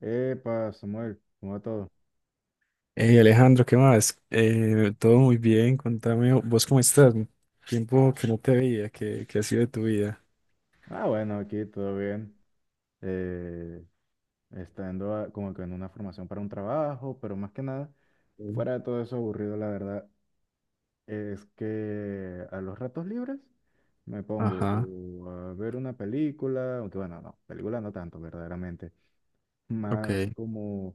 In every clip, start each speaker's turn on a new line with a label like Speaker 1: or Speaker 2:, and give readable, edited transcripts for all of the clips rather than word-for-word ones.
Speaker 1: Epa, Samuel, ¿cómo va todo?
Speaker 2: Hey Alejandro, ¿qué más? Todo muy bien, contame, ¿vos cómo estás? Tiempo que no te veía, ¿qué ha sido de tu vida?
Speaker 1: Ah, bueno, aquí todo bien. Eh, estando como que en una formación para un trabajo, pero más que nada,
Speaker 2: Sí.
Speaker 1: fuera de todo eso aburrido, la verdad, es que a los ratos libres me pongo
Speaker 2: Ajá,
Speaker 1: o a ver una película, aunque bueno, no, película no tanto, verdaderamente,
Speaker 2: ok,
Speaker 1: más como,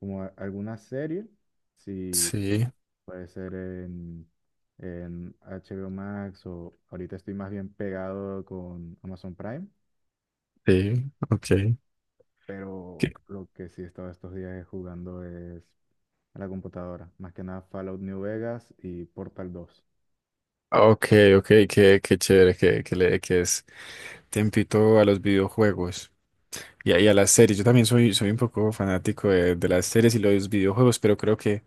Speaker 1: como a- alguna serie, si.
Speaker 2: sí,
Speaker 1: Puede ser en HBO Max o ahorita estoy más bien pegado con Amazon Prime,
Speaker 2: sí, ok.
Speaker 1: pero
Speaker 2: ¿Qué-
Speaker 1: lo que sí he estado estos días es jugando es a la computadora. Más que nada Fallout New Vegas y Portal 2.
Speaker 2: Ok, ok, qué chévere que le que es tempito a los videojuegos y a las series. Yo también soy un poco fanático de las series y los videojuegos, pero creo que,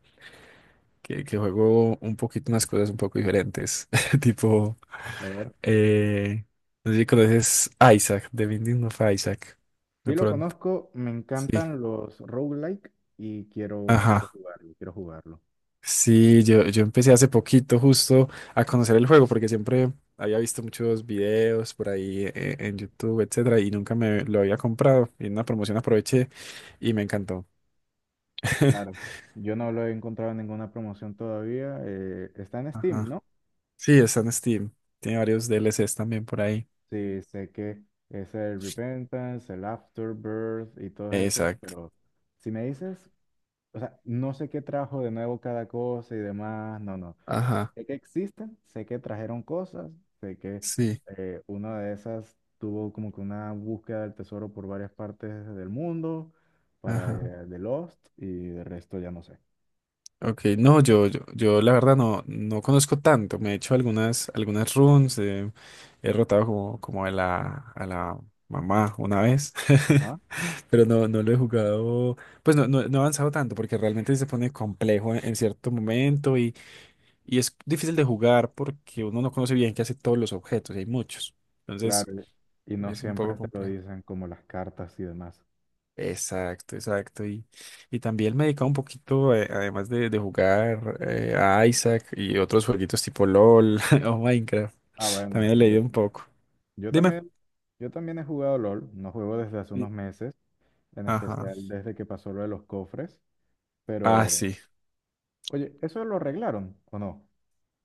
Speaker 2: que, que juego un poquito unas cosas un poco diferentes. Tipo,
Speaker 1: A ver.
Speaker 2: Eh, no sé si conoces Isaac, The Binding of Isaac,
Speaker 1: Sí
Speaker 2: de
Speaker 1: lo
Speaker 2: pronto.
Speaker 1: conozco, me
Speaker 2: Sí,
Speaker 1: encantan los roguelike y quiero
Speaker 2: ajá.
Speaker 1: jugarlo, quiero jugarlo.
Speaker 2: Sí, yo empecé hace poquito justo a conocer el juego porque siempre había visto muchos videos por ahí en YouTube, etcétera, y nunca me lo había comprado. Y en una promoción aproveché y me encantó.
Speaker 1: Claro. Yo no lo he encontrado en ninguna promoción todavía. Está en Steam,
Speaker 2: Ajá.
Speaker 1: ¿no?
Speaker 2: Sí, está en Steam. Tiene varios DLCs también por ahí.
Speaker 1: Sí, sé que es el Repentance, el Afterbirth y todos esos,
Speaker 2: Exacto.
Speaker 1: pero si me dices, o sea, no sé qué trajo de nuevo cada cosa y demás, no, no.
Speaker 2: Ajá.
Speaker 1: Sé que existen, sé que trajeron cosas, sé que
Speaker 2: Sí.
Speaker 1: una de esas tuvo como que una búsqueda del tesoro por varias partes del mundo para
Speaker 2: Ajá.
Speaker 1: The Lost y de resto ya no sé.
Speaker 2: Ok, no, yo la verdad no, no conozco tanto. Me he hecho algunas, algunas runs, he rotado como, como a la mamá una vez,
Speaker 1: Ajá,
Speaker 2: pero no, no lo he jugado, pues no he avanzado tanto porque realmente se pone complejo en cierto momento y es difícil de jugar porque uno no conoce bien qué hace todos los objetos y hay muchos. Entonces
Speaker 1: claro, y no
Speaker 2: es un poco
Speaker 1: siempre te lo
Speaker 2: complejo.
Speaker 1: dicen como las cartas y demás.
Speaker 2: Exacto, exacto. Y también me dedicaba un poquito, además de jugar a Isaac y otros jueguitos tipo LOL o Minecraft,
Speaker 1: Ah, bueno,
Speaker 2: también he leído un poco.
Speaker 1: Yo
Speaker 2: Dime.
Speaker 1: también, yo también, he jugado LOL, no juego desde hace unos
Speaker 2: Sí.
Speaker 1: meses, en
Speaker 2: Ajá.
Speaker 1: especial desde que pasó lo de los cofres,
Speaker 2: Ah,
Speaker 1: pero
Speaker 2: sí.
Speaker 1: oye, ¿eso lo arreglaron o no?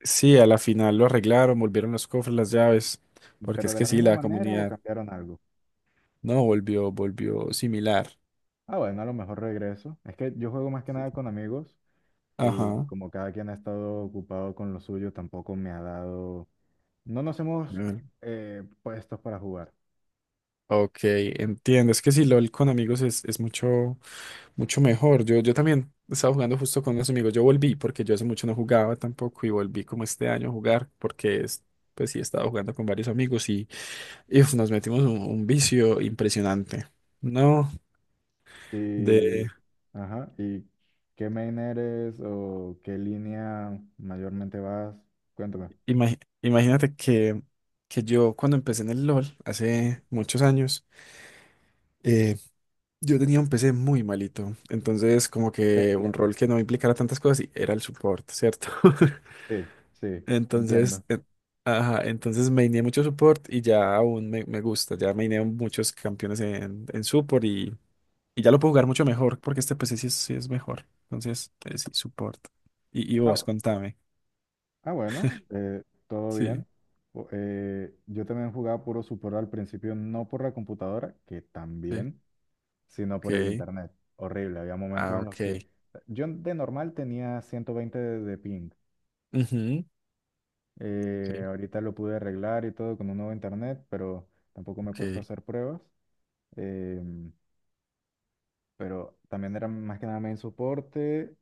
Speaker 2: Sí, a la final lo arreglaron, volvieron los cofres, las llaves, porque
Speaker 1: ¿Pero
Speaker 2: es
Speaker 1: de
Speaker 2: que
Speaker 1: la
Speaker 2: sí,
Speaker 1: misma
Speaker 2: la
Speaker 1: manera o
Speaker 2: comunidad
Speaker 1: cambiaron algo?
Speaker 2: no volvió, volvió similar.
Speaker 1: Ah, bueno, a lo mejor regreso. Es que yo juego más que nada con amigos y
Speaker 2: Ajá.
Speaker 1: como cada quien ha estado ocupado con lo suyo, tampoco me ha dado. No nos hemos
Speaker 2: Mm.
Speaker 1: puestos para jugar.
Speaker 2: Ok, entiendo. Es que si LOL con amigos es mucho. Mucho mejor. Yo también estaba jugando justo con unos amigos. Yo volví porque yo hace mucho no jugaba tampoco y volví como este año a jugar porque es- pues sí estaba jugando con varios amigos y, uf, nos metimos un vicio impresionante. No, de
Speaker 1: Y... Ajá, ¿y qué main eres o qué línea mayormente vas? Cuéntame.
Speaker 2: imagi- imagínate que yo cuando empecé en el LOL hace muchos años, eh, yo tenía un PC muy malito. Entonces como
Speaker 1: Te
Speaker 2: que un
Speaker 1: entiendo.
Speaker 2: rol que no implicara tantas cosas y era el support, ¿cierto?
Speaker 1: Sí, sí, te entiendo.
Speaker 2: Entonces, ajá, entonces maineé mucho support y ya aún me, me gusta. Ya maineé muchos campeones en support y ya lo puedo jugar mucho mejor porque este PC sí es mejor. Entonces, sí, support. Y
Speaker 1: Ah,
Speaker 2: vos,
Speaker 1: bu-
Speaker 2: contame.
Speaker 1: ah, bueno, todo
Speaker 2: Sí,
Speaker 1: bien. Yo también jugaba puro Super al principio, no por la computadora, que
Speaker 2: sí.
Speaker 1: también, sino por el
Speaker 2: Ok.
Speaker 1: internet. Horrible, había momentos
Speaker 2: Ah,
Speaker 1: en
Speaker 2: ok.
Speaker 1: los que yo de normal tenía 120 de ping.
Speaker 2: Ujú.
Speaker 1: Eh,
Speaker 2: Sí,
Speaker 1: ahorita lo pude arreglar y todo con un nuevo internet, pero tampoco me he puesto a
Speaker 2: ok.
Speaker 1: hacer pruebas. Em, pero también era más que nada main soporte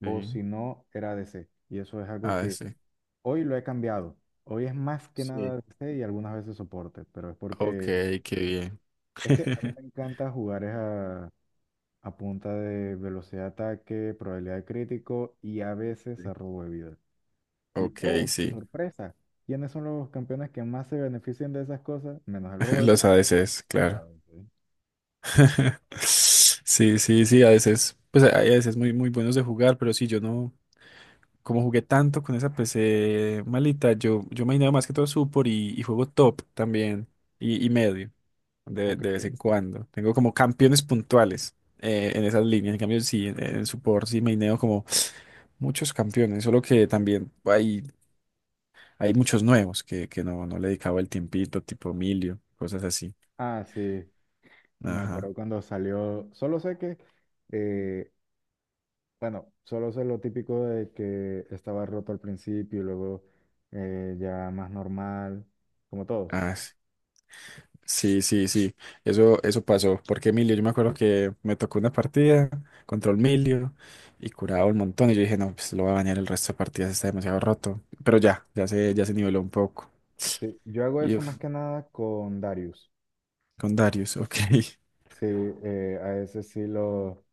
Speaker 1: o
Speaker 2: Sí.
Speaker 1: si no, era ADC. Y eso es algo
Speaker 2: Ah,
Speaker 1: que
Speaker 2: sí.
Speaker 1: hoy lo he cambiado. Hoy es más que
Speaker 2: Sí.
Speaker 1: nada DC y algunas veces soporte, pero es
Speaker 2: Ok,
Speaker 1: porque
Speaker 2: qué bien.
Speaker 1: es que a mí me encanta jugar es a punta de velocidad de ataque, probabilidad de crítico y a veces
Speaker 2: Sí.
Speaker 1: a robo de vida. Y
Speaker 2: Ok,
Speaker 1: oh,
Speaker 2: sí.
Speaker 1: sorpresa, ¿quiénes son los campeones que más se benefician de esas cosas? Menos el robo de
Speaker 2: Los
Speaker 1: vida.
Speaker 2: ADCs,
Speaker 1: Ajá,
Speaker 2: claro.
Speaker 1: ok.
Speaker 2: Sí, sí, sí, a veces, pues hay a veces muy buenos de jugar, pero sí, yo no, como jugué tanto con esa PC malita, yo me más que todo support y juego top también, y medio, de,
Speaker 1: Ok.
Speaker 2: de vez en cuando. Tengo como campeones puntuales en esas líneas, en cambio sí, en support sí maineo como muchos campeones, solo que también hay muchos nuevos que no, no le dedicaba el tiempito, tipo Emilio, cosas así.
Speaker 1: Ah, sí, me
Speaker 2: Ajá.
Speaker 1: acuerdo cuando salió, solo sé que eh, Bueno, solo sé lo típico de que estaba roto al principio y luego ya más normal, como todos.
Speaker 2: Ah. Sí. Sí, eso, eso pasó, porque Emilio, yo me acuerdo que me tocó una partida contra Emilio y curaba un montón y yo dije, no, pues lo va a bañar el resto de partidas, está demasiado roto, pero ya, ya se niveló un poco.
Speaker 1: Sí, yo hago
Speaker 2: Y
Speaker 1: eso más
Speaker 2: uf,
Speaker 1: que nada con Darius.
Speaker 2: con Darius, ok.
Speaker 1: Sí, a ese sí lo...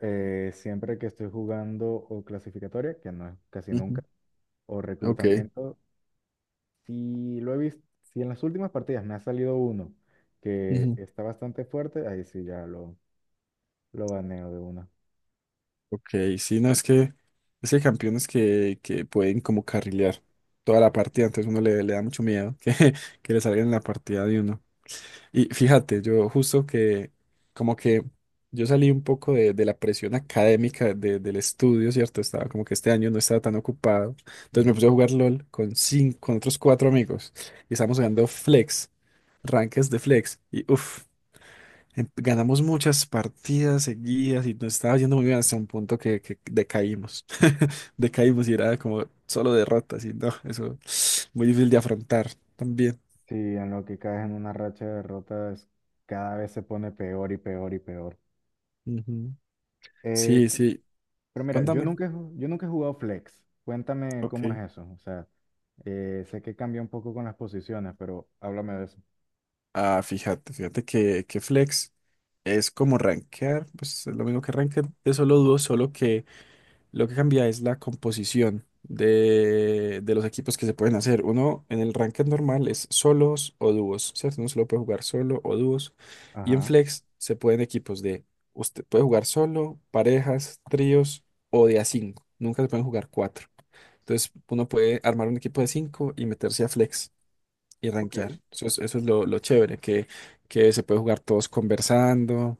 Speaker 1: eh, siempre que estoy jugando o clasificatoria, que no es casi nunca,
Speaker 2: Ujú.
Speaker 1: o
Speaker 2: Ok.
Speaker 1: reclutamiento, sí, lo he visto, si en las últimas partidas me ha salido uno que
Speaker 2: Ujú.
Speaker 1: está bastante fuerte, ahí sí ya lo baneo de una.
Speaker 2: Ok, sí, no, es que hay campeones que pueden como carrilear toda la partida, entonces uno le, le da mucho miedo que, que le salgan en la partida de uno. Y fíjate, yo justo que como que yo salí un poco de la presión académica de- del estudio, ¿cierto? Estaba como que este año no estaba tan ocupado. Entonces me puse a jugar LOL con cinco, con otros cuatro amigos y estábamos jugando Flex, ranques de Flex. Y uff, ganamos muchas partidas seguidas y nos estaba yendo muy bien hasta un punto que decaímos. Decaímos y era como solo derrotas y no, eso muy difícil de afrontar también.
Speaker 1: Sí, en lo que caes en una racha de derrotas, cada vez se pone peor y peor y peor.
Speaker 2: Ujú.
Speaker 1: Eh,
Speaker 2: Sí,
Speaker 1: cu-
Speaker 2: sí,
Speaker 1: pero mira,
Speaker 2: cuéntame.
Speaker 1: yo nunca he jugado flex. Cuéntame
Speaker 2: Ok.
Speaker 1: cómo es eso. O sea, sé que cambia un poco con las posiciones, pero háblame de eso.
Speaker 2: Ah, fíjate, fíjate que Flex es como rankear, pues es lo mismo que rankear de solo dúos, solo que lo que cambia es la composición de los equipos que se pueden hacer. Uno en el ranked normal es solos o dúos, ¿cierto? Uno solo puede jugar solo o dúos. Y en
Speaker 1: Ajá,
Speaker 2: Flex se pueden equipos de, usted puede jugar solo, parejas, tríos o de a cinco. Nunca se pueden jugar cuatro. Entonces uno puede armar un equipo de cinco y meterse a Flex y
Speaker 1: ok.
Speaker 2: rankear. Eso es lo chévere, que se puede jugar todos conversando,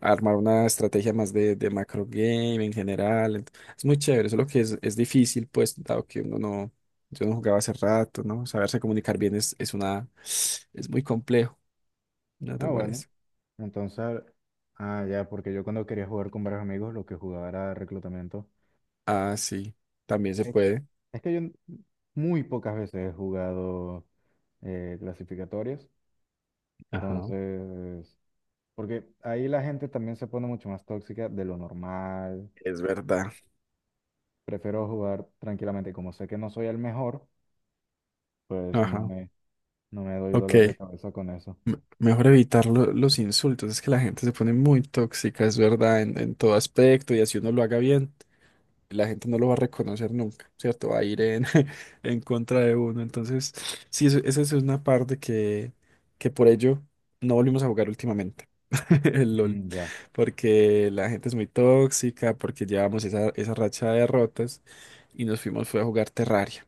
Speaker 2: armar una estrategia más de macro game en general. Ent- es muy chévere, solo que es difícil, pues, dado que uno no, yo no jugaba hace rato, ¿no? Saberse comunicar bien es una, es muy complejo, ¿no te
Speaker 1: Ah, bueno.
Speaker 2: parece?
Speaker 1: Entonces, ah, ya, porque yo cuando quería jugar con varios amigos, lo que jugaba era reclutamiento.
Speaker 2: Ah, sí, también se
Speaker 1: Eh,
Speaker 2: puede.
Speaker 1: Es que yo muy pocas veces he jugado clasificatorias.
Speaker 2: Ajá.
Speaker 1: Entonces, porque ahí la gente también se pone mucho más tóxica de lo normal.
Speaker 2: Es verdad.
Speaker 1: Prefiero jugar tranquilamente. Como sé que no soy el mejor, pues no
Speaker 2: Ajá.
Speaker 1: me, no me doy
Speaker 2: Ok.
Speaker 1: dolor de cabeza con eso.
Speaker 2: M- mejor evitar lo- los insultos. Es que la gente se pone muy tóxica, es verdad, en todo aspecto. Y así uno lo haga bien, la gente no lo va a reconocer nunca, ¿cierto? Va a ir en, en contra de uno. Entonces, sí, eso- esa es una parte que por ello no volvimos a jugar últimamente, el LOL,
Speaker 1: Mm, ya.
Speaker 2: porque la gente es muy tóxica, porque llevamos esa, esa racha de derrotas y nos fuimos fue a jugar Terraria.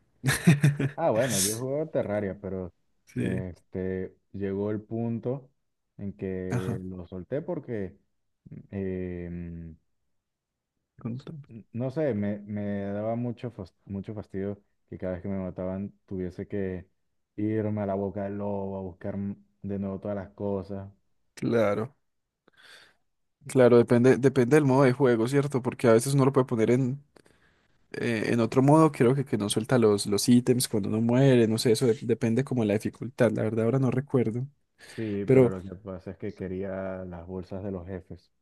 Speaker 1: Ah, bueno, yo jugué Terraria, pero
Speaker 2: Sí,
Speaker 1: este, llegó el punto en que
Speaker 2: ajá.
Speaker 1: lo solté porque, em,
Speaker 2: Contame.
Speaker 1: no sé, me daba mucho fastidio que cada vez que me mataban tuviese que irme a la boca del lobo a buscar de nuevo todas las cosas.
Speaker 2: Claro, claro, depende, depende del modo de juego, ¿cierto? Porque a veces uno lo puede poner en otro modo, creo que no suelta los ítems cuando uno muere, no sé, eso de- depende como de la dificultad, la verdad ahora no recuerdo.
Speaker 1: Sí, pero
Speaker 2: Pero,
Speaker 1: lo que pasa es que quería las bolsas de los jefes.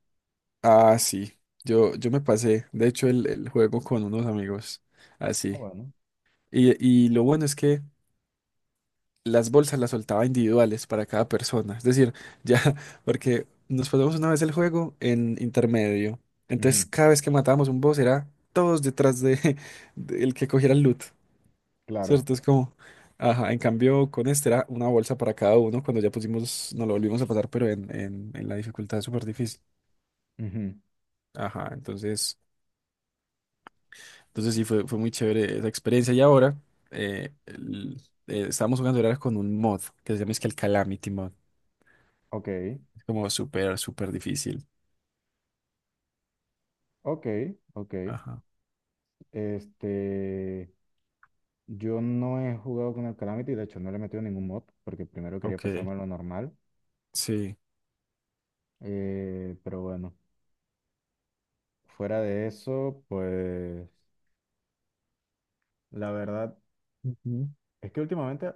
Speaker 2: ah, sí, yo me pasé, de hecho, el juego con unos amigos,
Speaker 1: Ah,
Speaker 2: así.
Speaker 1: bueno.
Speaker 2: Y lo bueno es que las bolsas las soltaba individuales para cada persona, es decir, ya, porque nos pasamos una vez el juego en intermedio, entonces
Speaker 1: Ujú.
Speaker 2: cada vez que matábamos un boss era todos detrás de, de el que cogiera el loot.
Speaker 1: Claro.
Speaker 2: ¿Cierto? Es como, ajá, en cambio con este era una bolsa para cada uno, cuando ya pusimos, nos lo volvimos a pasar, pero en la dificultad súper difícil.
Speaker 1: Ujú.
Speaker 2: Ajá, entonces, entonces sí, fue, fue muy chévere esa experiencia. Y ahora el- estábamos jugando ahora con un mod que se llama es que el Calamity Mod.
Speaker 1: Ok,
Speaker 2: Es como súper, súper difícil.
Speaker 1: ok, ok.
Speaker 2: Ajá,
Speaker 1: Este, yo no he jugado con el Calamity, de hecho no le he metido ningún mod, porque primero quería
Speaker 2: ok,
Speaker 1: pasarme lo normal.
Speaker 2: sí.
Speaker 1: Pero bueno, fuera de eso, pues la verdad
Speaker 2: Ujú.
Speaker 1: es que últimamente, o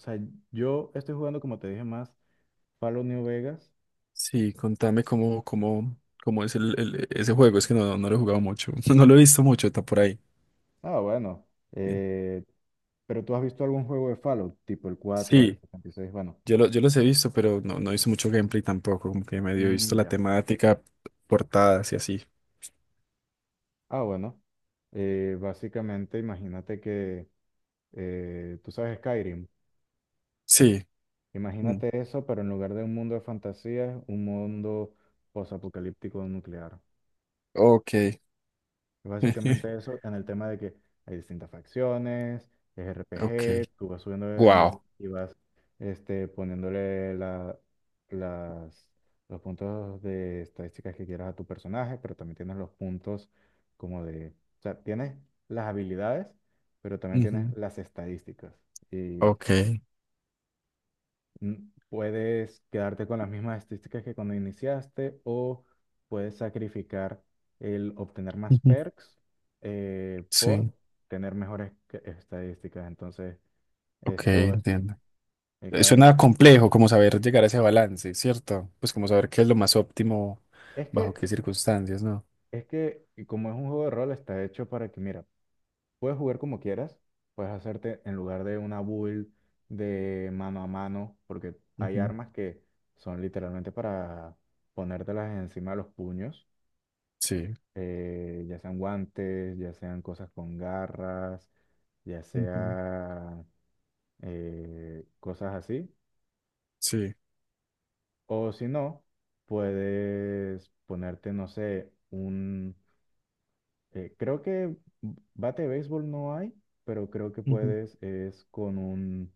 Speaker 1: sea, yo estoy jugando, como te dije, más Fallout New Vegas.
Speaker 2: Sí, contame cómo, cómo, cómo es el- ese juego, es que no, no lo he jugado mucho, no lo he visto mucho, está por ahí.
Speaker 1: Ah, bueno.
Speaker 2: Bien.
Speaker 1: Pero tú has visto algún juego de Fallout, tipo el 4, el
Speaker 2: Sí,
Speaker 1: 76, bueno.
Speaker 2: yo, lo- yo los he visto, pero no, no hice mucho gameplay tampoco, como que medio he visto
Speaker 1: Mm,
Speaker 2: la
Speaker 1: ya.
Speaker 2: temática, portadas y así.
Speaker 1: Ah, bueno. Básicamente, imagínate que tú sabes Skyrim.
Speaker 2: Sí. Mm,
Speaker 1: Imagínate eso, pero en lugar de un mundo de fantasía, un mundo posapocalíptico nuclear.
Speaker 2: ok.
Speaker 1: Básicamente eso en el tema de que hay distintas facciones, es
Speaker 2: Ok.
Speaker 1: RPG, tú vas subiendo de nivel
Speaker 2: Wow.
Speaker 1: y vas poniéndole las, los puntos de estadísticas que quieras a tu personaje, pero también tienes los puntos como de, o sea, tienes las habilidades, pero también tienes
Speaker 2: Ujú.
Speaker 1: las estadísticas. Y
Speaker 2: Ok.
Speaker 1: puedes quedarte con las mismas estadísticas que cuando iniciaste o puedes sacrificar el obtener más
Speaker 2: Ujú.
Speaker 1: perks por
Speaker 2: Sí.
Speaker 1: tener mejores estadísticas. Entonces,
Speaker 2: Ok,
Speaker 1: es todo esto.
Speaker 2: entiendo.
Speaker 1: Y cada animal.
Speaker 2: Suena complejo como saber llegar a ese balance, ¿cierto? Pues como saber qué es lo más óptimo,
Speaker 1: Es
Speaker 2: bajo
Speaker 1: que,
Speaker 2: qué circunstancias, ¿no?
Speaker 1: es que y como es un juego de rol, está hecho para que, mira, puedes jugar como quieras, puedes hacerte en lugar de una build de mano a mano, porque hay
Speaker 2: Ujú.
Speaker 1: armas que son literalmente para ponértelas encima de los puños,
Speaker 2: Sí.
Speaker 1: ya sean guantes, ya sean cosas con garras, ya
Speaker 2: Ujú.
Speaker 1: sea cosas así.
Speaker 2: Sí.
Speaker 1: O si no, puedes ponerte, no sé, creo que bate de béisbol no hay, pero creo que puedes es con un,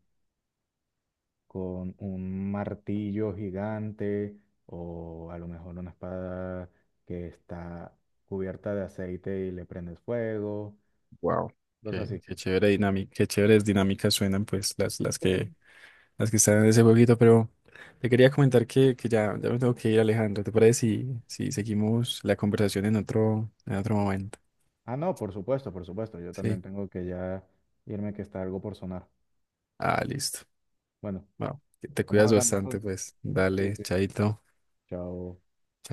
Speaker 1: con un martillo gigante o a lo mejor una espada que está cubierta de aceite y le prendes fuego,
Speaker 2: Wow.
Speaker 1: cosas
Speaker 2: Qué chévere dinámica, qué chéveres dinámicas suenan pues las, las que
Speaker 1: así.
Speaker 2: las que están en ese jueguito, pero te quería comentar que ya, ya me tengo que ir, Alejandro. ¿Te parece si, si seguimos la conversación en otro momento?
Speaker 1: Ah, no, por supuesto, por supuesto. Yo
Speaker 2: Sí.
Speaker 1: también tengo que ya irme que está algo por sonar.
Speaker 2: Ah, listo.
Speaker 1: Bueno,
Speaker 2: Wow. Te
Speaker 1: estamos
Speaker 2: cuidas
Speaker 1: hablando
Speaker 2: bastante,
Speaker 1: entonces.
Speaker 2: pues.
Speaker 1: Sí,
Speaker 2: Dale,
Speaker 1: sí.
Speaker 2: chaito.
Speaker 1: Chao.